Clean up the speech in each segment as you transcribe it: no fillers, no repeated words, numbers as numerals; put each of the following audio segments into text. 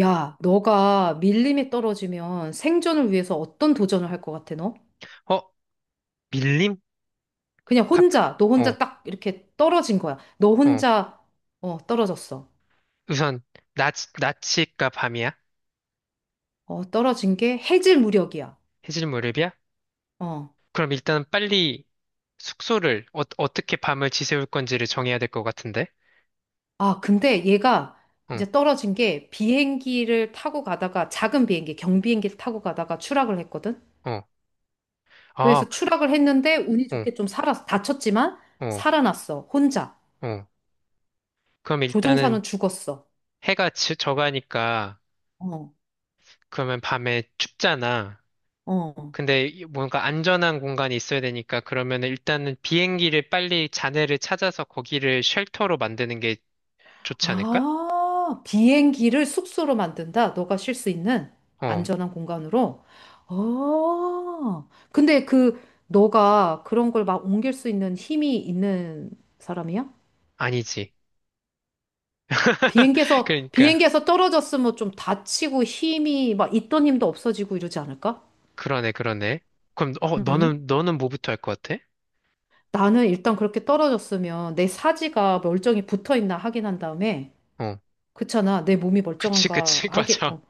야, 너가 밀림에 떨어지면 생존을 위해서 어떤 도전을 할 것 같아, 너? 어, 밀림? 그냥 갑, 혼자, 너 어, 혼자 딱 이렇게 떨어진 거야. 너 어. 혼자, 어, 떨어졌어. 우선, 낮, 낮이가 밤이야? 어, 떨어진 게 해질 무렵이야. 해질 무렵이야? 어. 그럼 일단 빨리 숙소를, 어떻게 밤을 지새울 건지를 정해야 될 것 같은데? 아, 근데 얘가 어, 이제 떨어진 게 비행기를 타고 가다가 작은 비행기, 경비행기를 타고 가다가 추락을 했거든? 어. 아, 그래서 추락을 했는데 운이 어, 좋게 좀 살았어. 다쳤지만 어, 살아났어. 혼자. 어. 그럼 일단은 조종사는 죽었어. 저가니까, 어, 그러면 밤에 춥잖아. 어. 근데 뭔가 안전한 공간이 있어야 되니까, 그러면 일단은 비행기를 빨리 잔해를 찾아서 거기를 쉘터로 만드는 게 좋지 않을까? 아, 비행기를 숙소로 만든다. 너가 쉴 수 있는 어, 안전한 공간으로. 어. 근데 그 너가 그런 걸 막 옮길 수 있는 힘이 있는 사람이야? 아니지. 비행기에서 그러니까 비행기에서 떨어졌으면 좀 다치고 힘이 막 있던 힘도 없어지고 이러지 않을까? 그러네 그러네. 그럼 음. 너는 뭐부터 할 것 같아? 나는 일단 그렇게 떨어졌으면 내 사지가 멀쩡히 붙어 있나 확인한 다음에 어, 그렇잖아. 내 몸이 그치 멀쩡한가 그치. 하게 맞아.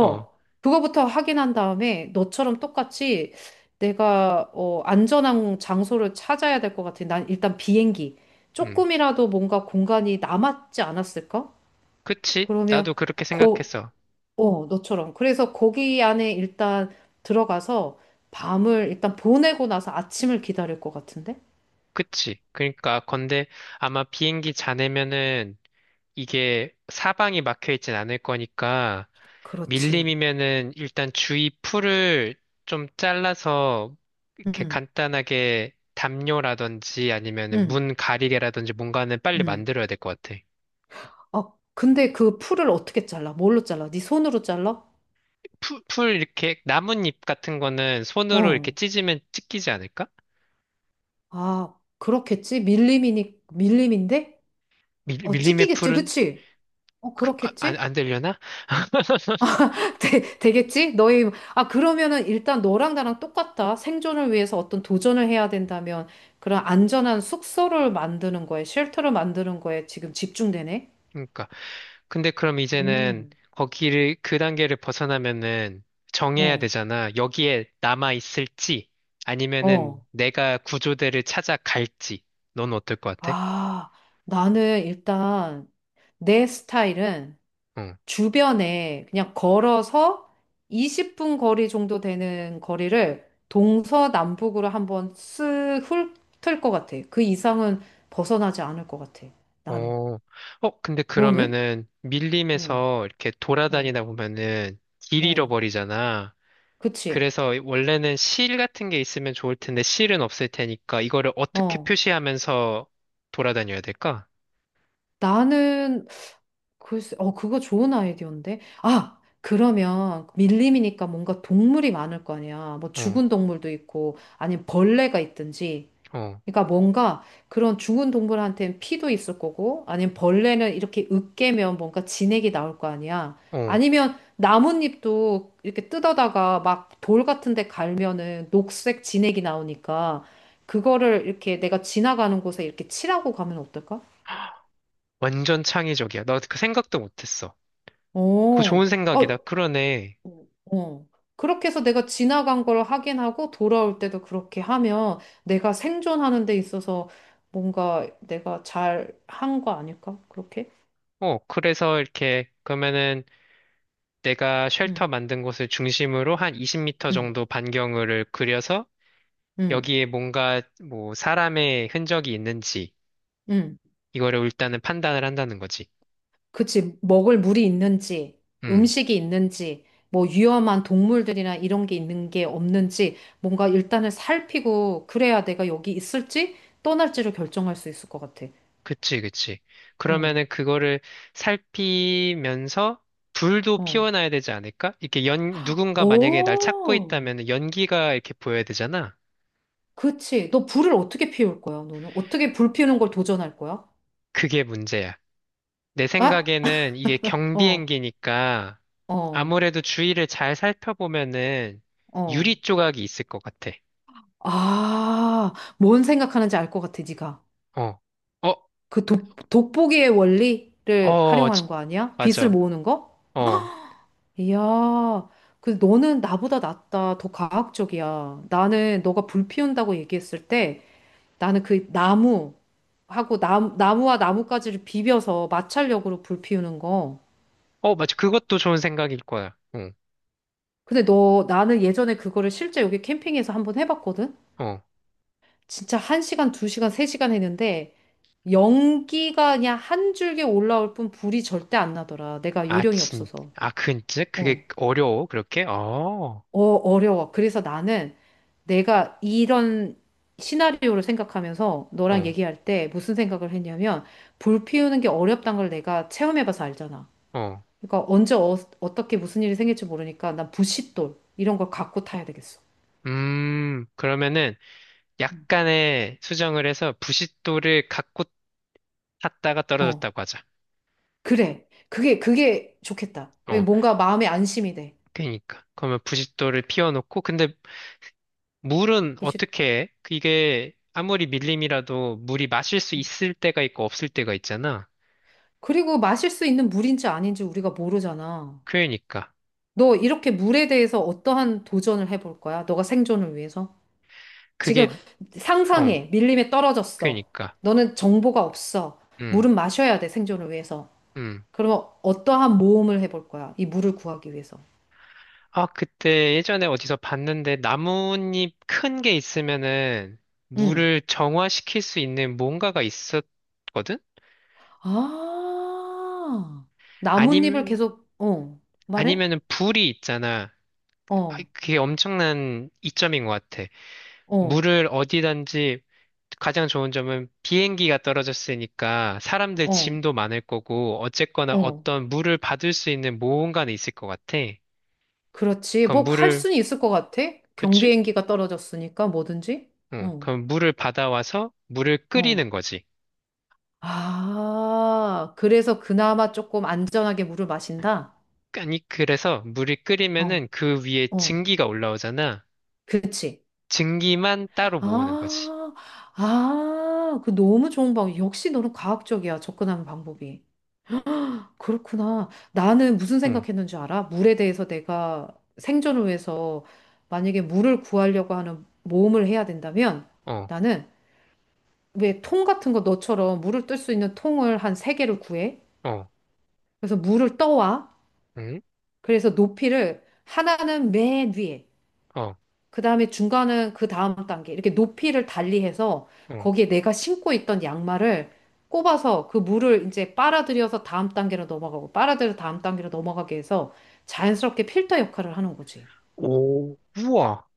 어. 그거부터 확인한 다음에 너처럼 똑같이 내가 안전한 장소를 찾아야 될 것 같아. 난 일단 비행기. 음. 조금이라도 뭔가 공간이 남았지 않았을까? 그치, 나도 그러면 그렇게 거, 생각했어. 너처럼. 그래서 거기 안에 일단 들어가서 밤을 일단 보내고 나서 아침을 기다릴 것 같은데? 그치. 그러니까 건데 아마 비행기 자네면은 이게 사방이 막혀 있진 않을 거니까 그렇지. 밀림이면은 일단 주위 풀을 좀 잘라서 이렇게 응, 간단하게 담요라든지 아니면은 응, 문 가리개라든지 뭔가는 빨리 응. 만들어야 될 것 같아. 아, 근데 그 풀을 어떻게 잘라? 뭘로 잘라? 네 손으로 잘라? 풀 이렇게 나뭇잎 같은 거는 손으로 이렇게 어. 찢으면 찢기지 않을까? 아, 그렇겠지? 밀림인데? 어, 밀림의 찍히겠지, 풀은 그치? 어, 그렇겠지? 안 되려나? 되겠지? 너희, 아, 그러면은 일단 너랑 나랑 똑같다. 생존을 위해서 어떤 도전을 해야 된다면 그런 안전한 숙소를 만드는 거에, 쉘터를 만드는 거에 지금 집중되네? 그러니까. 근데 그럼 이제는 음. 거기를 그 단계를 벗어나면은 정해야 어, 되잖아. 여기에 남아 있을지 아니면은 어. 내가 구조대를 찾아갈지. 넌 어떨 것 같아? 아, 나는 일단 내 스타일은 응. 주변에 그냥 걸어서 20분 거리 정도 되는 거리를 동서남북으로 한번 쓱 훑을 것 같아. 그 이상은 벗어나지 않을 것 같아. 나는. 어. 근데 너는? 그러면은 응, 밀림에서 이렇게 어, 돌아다니다 보면은 길 어. 잃어버리잖아. 그치? 그래서 원래는 실 같은 게 있으면 좋을 텐데 실은 없을 테니까 이거를 어떻게 어. 표시하면서 돌아다녀야 될까? 나는, 글쎄, 그거 좋은 아이디어인데? 아! 그러면 밀림이니까 뭔가 동물이 많을 거 아니야. 뭐 어, 죽은 동물도 있고, 아니면 벌레가 있든지. 어, 그러니까 뭔가 그런 죽은 동물한테는 피도 있을 거고, 아니면 벌레는 이렇게 으깨면 뭔가 진액이 나올 거 아니야. 어. 아니면 나뭇잎도 이렇게 뜯어다가 막 돌 같은 데 갈면은 녹색 진액이 나오니까, 그거를 이렇게 내가 지나가는 곳에 이렇게 칠하고 가면 어떨까? 완전 창의적이야. 나 그 생각도 못했어. 그거 어, 좋은 생각이다. 어, 그러네. 어. 그렇게 해서 내가 지나간 걸 확인하고 돌아올 때도 그렇게 하면 내가 생존하는 데 있어서 뭔가 내가 잘 한 거 아닐까? 그렇게? 그래서 이렇게 그러면은 내가 쉘터 응, 만든 곳을 중심으로 한 20m 응, 정도 반경을 그려서 응, 여기에 뭔가 뭐 사람의 흔적이 있는지 응. 이거를 일단은 판단을 한다는 거지. 그치. 먹을 물이 있는지, 음. 음식이 있는지, 뭐 위험한 동물들이나 이런 게 있는 게 없는지, 뭔가 일단은 살피고, 그래야 내가 여기 있을지, 떠날지를 결정할 수 있을 것 같아. 그치, 그치. 어 그러면은 그거를 살피면서 불도 어. 피워놔야 되지 않을까? 누군가 만약에 날 찾고 오, 있다면 연기가 이렇게 보여야 되잖아. 그치. 너 불을 어떻게 피울 거야, 너는? 어떻게 불 피우는 걸 도전할 거야? 그게 문제야. 내 아? 생각에는 이게 어, 경비행기니까 어, 아무래도 주위를 잘 살펴보면은 어. 유리 조각이 있을 것 같아. 아, 뭔 생각하는지 알 것 같아, 네가. 어, 어, 그 돋보기의 원리를 어, 활용하는 거 아니야? 빛을 맞아. 모으는 거? 어, 이야, 그 너는 나보다 낫다. 더 과학적이야. 나는 너가 불 피운다고 얘기했을 때 나는 그 나무하고 나무와 나뭇가지를 비벼서 마찰력으로 불 피우는 거. 어, 맞아. 그것도 좋은 생각일 거야. 응, 근데 너, 나는 예전에 그거를 실제 여기 캠핑에서 한번 해봤거든? 어. 진짜 한시간두시간세시간 했는데 연기가 그냥 한 줄기 올라올 뿐 불이 절대 안 나더라. 내가 아, 요령이 진, 없어서. 아, 근, 어. 그게 어려워, 그렇게? 어. 어, 어려워. 그래서 나는 내가 이런 시나리오를 생각하면서 너랑 어, 얘기할 때 무슨 생각을 했냐면 불 피우는 게 어렵다는 걸 내가 체험해봐서 알잖아. 어. 그러니까 언제 어떻게 무슨 일이 생길지 모르니까 난 부싯돌 이런 걸 갖고 타야 되겠어. 그러면은 음. 약간의 수정을 해서 부싯돌을 갖고 탔다가 어, 떨어졌다고 하자. 그래. 그게, 그게 좋겠다. 왜 어, 뭔가 마음에 안심이 돼. 그러니까. 그러면 부싯돌을 피워놓고, 근데 물은 부싯- 어떻게 해? 이게 아무리 밀림이라도 물이 마실 수 있을 때가 있고 없을 때가 있잖아. 그리고 마실 수 있는 물인지 아닌지 우리가 모르잖아. 그러니까. 너 이렇게 물에 대해서 어떠한 도전을 해볼 거야? 너가 생존을 위해서? 지금 그게, 어, 상상해. 밀림에 떨어졌어. 그러니까. 너는 정보가 없어. 음, 물은 마셔야 돼, 생존을 위해서. 음. 그러면 어떠한 모험을 해볼 거야? 이 물을 구하기 위해서. 아, 그때 예전에 어디서 봤는데 나뭇잎 큰 게 있으면은 응. 물을 정화시킬 수 있는 뭔가가 있었 거든 아, 나뭇잎을 아님, 계속, 말해? 아니면은 불이 있잖아. 아, 어, 그게 엄청난 이점인 것 같아. 어, 물을 어디든지 가장 좋은 점은 비행기가 떨어졌으니까 사람들 어, 짐도 많을 거고 어쨌거나 어. 어떤 물을 받을 수 있는 모험가는 있을 것 같아. 그렇지. 그럼 뭐 할 물을, 수는 있을 것 같아. 그치? 경비행기가 떨어졌으니까 뭐든지. 응. 응, 그럼 물을 받아와서 물을 어. 끓이는 거지. 아, 그래서 그나마 조금 안전하게 물을 마신다? 아니, 그래서 물이 어, 끓이면은 그 위에 어. 증기가 올라오잖아. 그치. 증기만 따로 모으는 거지. 아, 아, 그 너무 좋은 방법. 역시 너는 과학적이야, 접근하는 방법이. 그렇구나. 나는 무슨 어, 생각했는 줄 알아? 물에 대해서 내가 생존을 위해서 만약에 물을 구하려고 하는 모험을 해야 된다면 어, 나는 왜 통 같은 거 너처럼 물을 뜰 수 있는 통을 한 세 개를 구해? 어, 그래서 물을 떠와. 응, 그래서 높이를 하나는 맨 위에. 어. 그 다음에 중간은 그 다음 단계. 이렇게 높이를 달리해서 어. 거기에 내가 신고 있던 양말을 꼽아서 그 물을 이제 빨아들여서 다음 단계로 넘어가고 빨아들여 다음 단계로 넘어가게 해서 자연스럽게 필터 역할을 하는 거지. 오, 우와.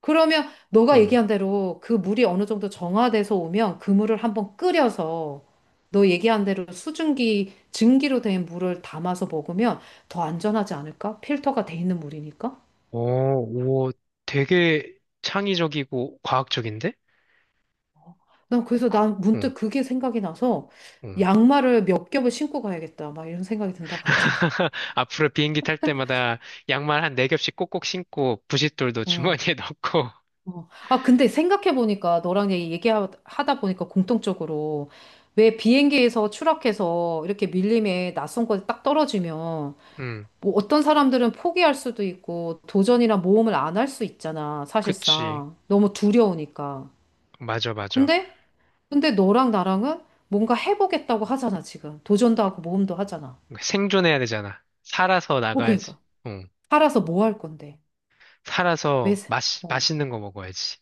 그러면 너가 응. 얘기한 대로 그 물이 어느 정도 정화돼서 오면 그 물을 한번 끓여서 너 얘기한 대로 수증기, 증기로 된 물을 담아서 먹으면 더 안전하지 않을까? 필터가 돼 있는 물이니까? 오, 우와. 되게 창의적이고 과학적인데? 나 그래서 그- 난 응, 문득 그게 생각이 나서 응. 양말을 몇 겹을 신고 가야겠다. 막 이런 생각이 든다, 갑자기. 앞으로 비행기 탈 때마다 양말 한 네 겹씩 꼭꼭 신고 부싯돌도 어. 주머니에 넣고. 어. 아, 근데 생각해보니까 너랑 얘기하다 보니까 공통적으로 왜 비행기에서 추락해서 이렇게 밀림에 낯선 곳에 딱 떨어지면 응, 뭐 어떤 사람들은 포기할 수도 있고 도전이나 모험을 안 할 수 있잖아, 그치. 사실상. 너무 두려우니까. 맞아, 맞아. 근데, 근데 너랑 나랑은 뭔가 해보겠다고 하잖아, 지금. 도전도 하고 모험도 하잖아. 그러니까 생존해야 되잖아. 살아서 뭐, 나가야지. 그러니까. 응. 팔아서 뭐 할 건데? 왜 살아서 사- 맛, 어. 맛있는 거 먹어야지.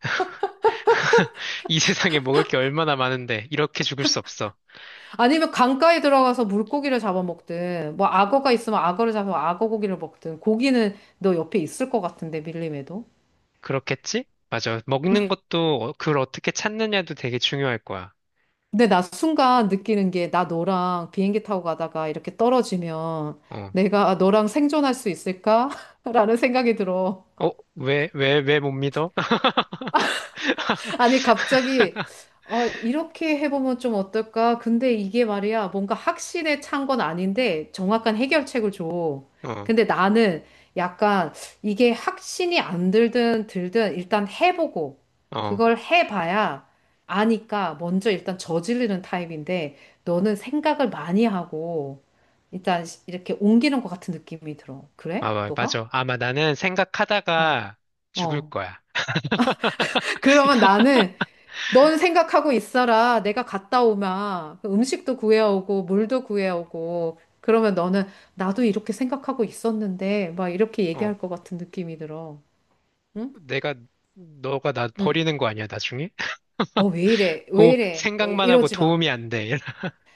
이 세상에 먹을 게 얼마나 많은데 이렇게 죽을 수 없어. 아니면 강가에 들어가서 물고기를 잡아먹든, 뭐 악어가 있으면 악어를 잡아 악어 고기를 먹든, 고기는 너 옆에 있을 것 같은데, 밀림에도. 그렇겠지? 맞아. 먹는 것도 그걸 어떻게 찾느냐도 되게 중요할 거야. 근데 나 순간 느끼는 게, 나 너랑 비행기 타고 가다가 이렇게 떨어지면 어. 내가 너랑 생존할 수 있을까? 라는 생각이 들어. 어, 왜 못 믿어? 아니, 갑자기, 아, 이렇게 해보면 좀 어떨까? 근데 이게 말이야, 뭔가 확신에 찬 건 아닌데, 정확한 해결책을 줘. 어, 근데 나는 약간 이게 확신이 안 들든 들든 일단 해보고, 어. 그걸 해봐야 아니까 먼저 일단 저지르는 타입인데, 너는 생각을 많이 하고, 일단 이렇게 옮기는 것 같은 느낌이 들어. 그래? 아, 너가? 맞아. 아마 나는 어, 생각하다가 죽을 어. 거야. 그러면 나는 넌 생각하고 있어라. 내가 갔다 오면 음식도 구해오고 물도 구해오고 그러면 너는 나도 이렇게 생각하고 있었는데 막 이렇게 어. 얘기할 것 같은 느낌이 들어. 응? 내가, 너가 나 응. 버리는 거 아니야, 나중에? 어, 왜 이래? 왜 오, 이래? 어, 생각만 하고 이러지 마. 도움이 안 돼.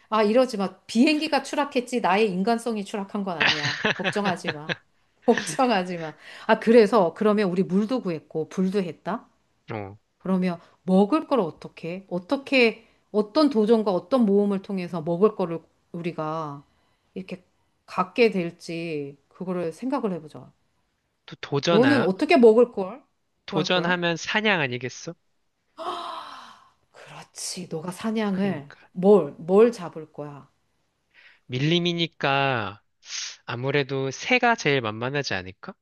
아, 이러지 마. 비행기가 추락했지 나의 인간성이 추락한 건 아니야. 걱정하지 마. 걱정하지 마. 아, 그래서 그러면 우리 물도 구했고 불도 했다. 어, 그러면 먹을 걸 어떻게, 어떻게, 어떤 도전과 어떤 모험을 통해서 먹을 거를 우리가 이렇게 갖게 될지, 그거를 생각을 해보자. 또 너는 도전하, 어떻게 먹을 걸 구할 거야? 도전하면 사냥 아니겠어? 그렇지. 너가 사냥을 그러니까. 뭘, 뭘 잡을 거야? 밀림이니까 아무래도 새가 제일 만만하지 않을까?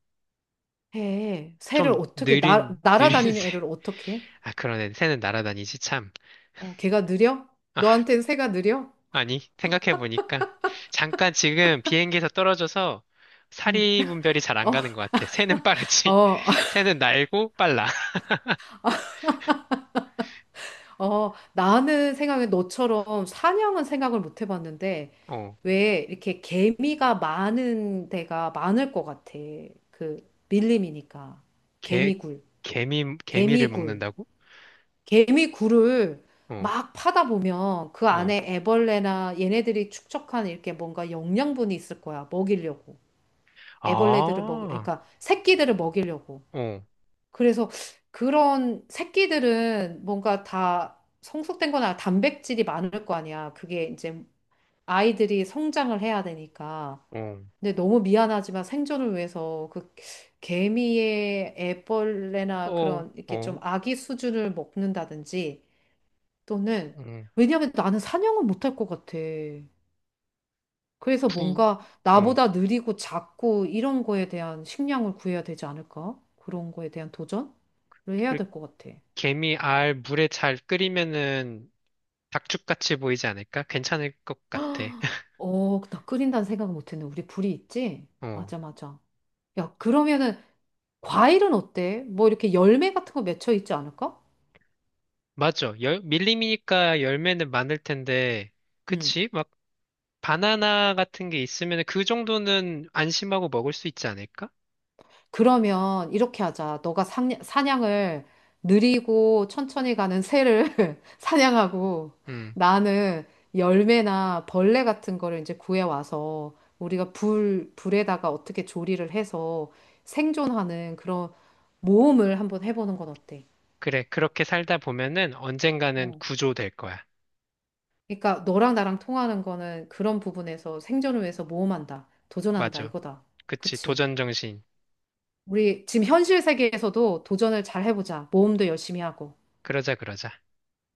해. 새를 좀 어떻게, 날 느린, 느린 날아다니는 새. 애를 어떻게 해? 아, 그러네. 새는 날아다니지, 참. 어, 걔가 느려? 아, 너한테는 새가 느려? 아니, 생각해보니까. 잠깐 지금 비행기에서 떨어져서 응. 사리 분별이 잘 안 어, 가는 것 같아. 새는 빠르지. 어, 새는 날고 빨라. 어, 나는 생각에 너처럼 사냥은 생각을 못 해봤는데, 어, 왜 이렇게 개미가 많은 데가 많을 것 같아. 그 밀림이니까. 개, 개미굴, 개미를 개미굴, 먹는다고? 개미굴을 어, 막 파다 보면 그 어. 안에 애벌레나 얘네들이 축적한 이렇게 뭔가 영양분이 있을 거야. 먹이려고. 아, 애벌레들을 먹이, 어, 그러니까 새끼들을 먹이려고. 어, 그래서 그런 새끼들은 뭔가 다 성숙된 거나 단백질이 많을 거 아니야. 그게 이제 아이들이 성장을 해야 되니까. 어, 근데 너무 미안하지만 생존을 위해서 그 개미의 어, 애벌레나 어, 그런 이렇게 어, 좀 아기 수준을 먹는다든지 또는 어, 왜냐하면 나는 사냥은 못할 것 같아. 그래서 부, 뭔가 어. 나보다 느리고 작고 이런 거에 대한 식량을 구해야 되지 않을까? 그런 거에 대한 도전을 해야 그래, 될 것 같아. 개미 알 물에 잘 끓이면은 닭죽같이 보이지 않을까? 괜찮을 것 같아. 어, 나 끓인다는 생각은 못했네. 우리 불이 있지? 어, 맞아, 맞아. 야, 그러면은 과일은 어때? 뭐 이렇게 열매 같은 거 맺혀 있지 않을까? 맞아. 밀림이니까 열매는 많을 텐데, 응. 그치? 막 바나나 같은 게 있으면 그 정도는 안심하고 먹을 수 있지 않을까? 그러면 이렇게 하자. 너가 사냥을 느리고 천천히 가는 새를 사냥하고 음, 나는 열매나 벌레 같은 거를 이제 구해와서 우리가 불, 불에다가 어떻게 조리를 해서 생존하는 그런 모험을 한번 해보는 건 어때? 그래. 그렇게 살다 보면은 언젠가는 어. 구조될 거야. 그러니까 너랑 나랑 통하는 거는 그런 부분에서 생존을 위해서 모험한다. 도전한다. 맞아. 이거다. 그치. 그치? 도전 정신. 우리 지금 현실 세계에서도 도전을 잘 해보자. 모험도 열심히 하고. 그러자, 그러자.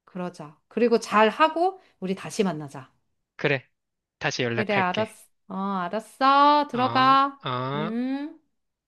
그러자. 그리고 잘 하고 우리 다시 만나자. 그래. 다시 그래, 연락할게. 알았어. 어, 알았어. 어, 들어가. 어. 음.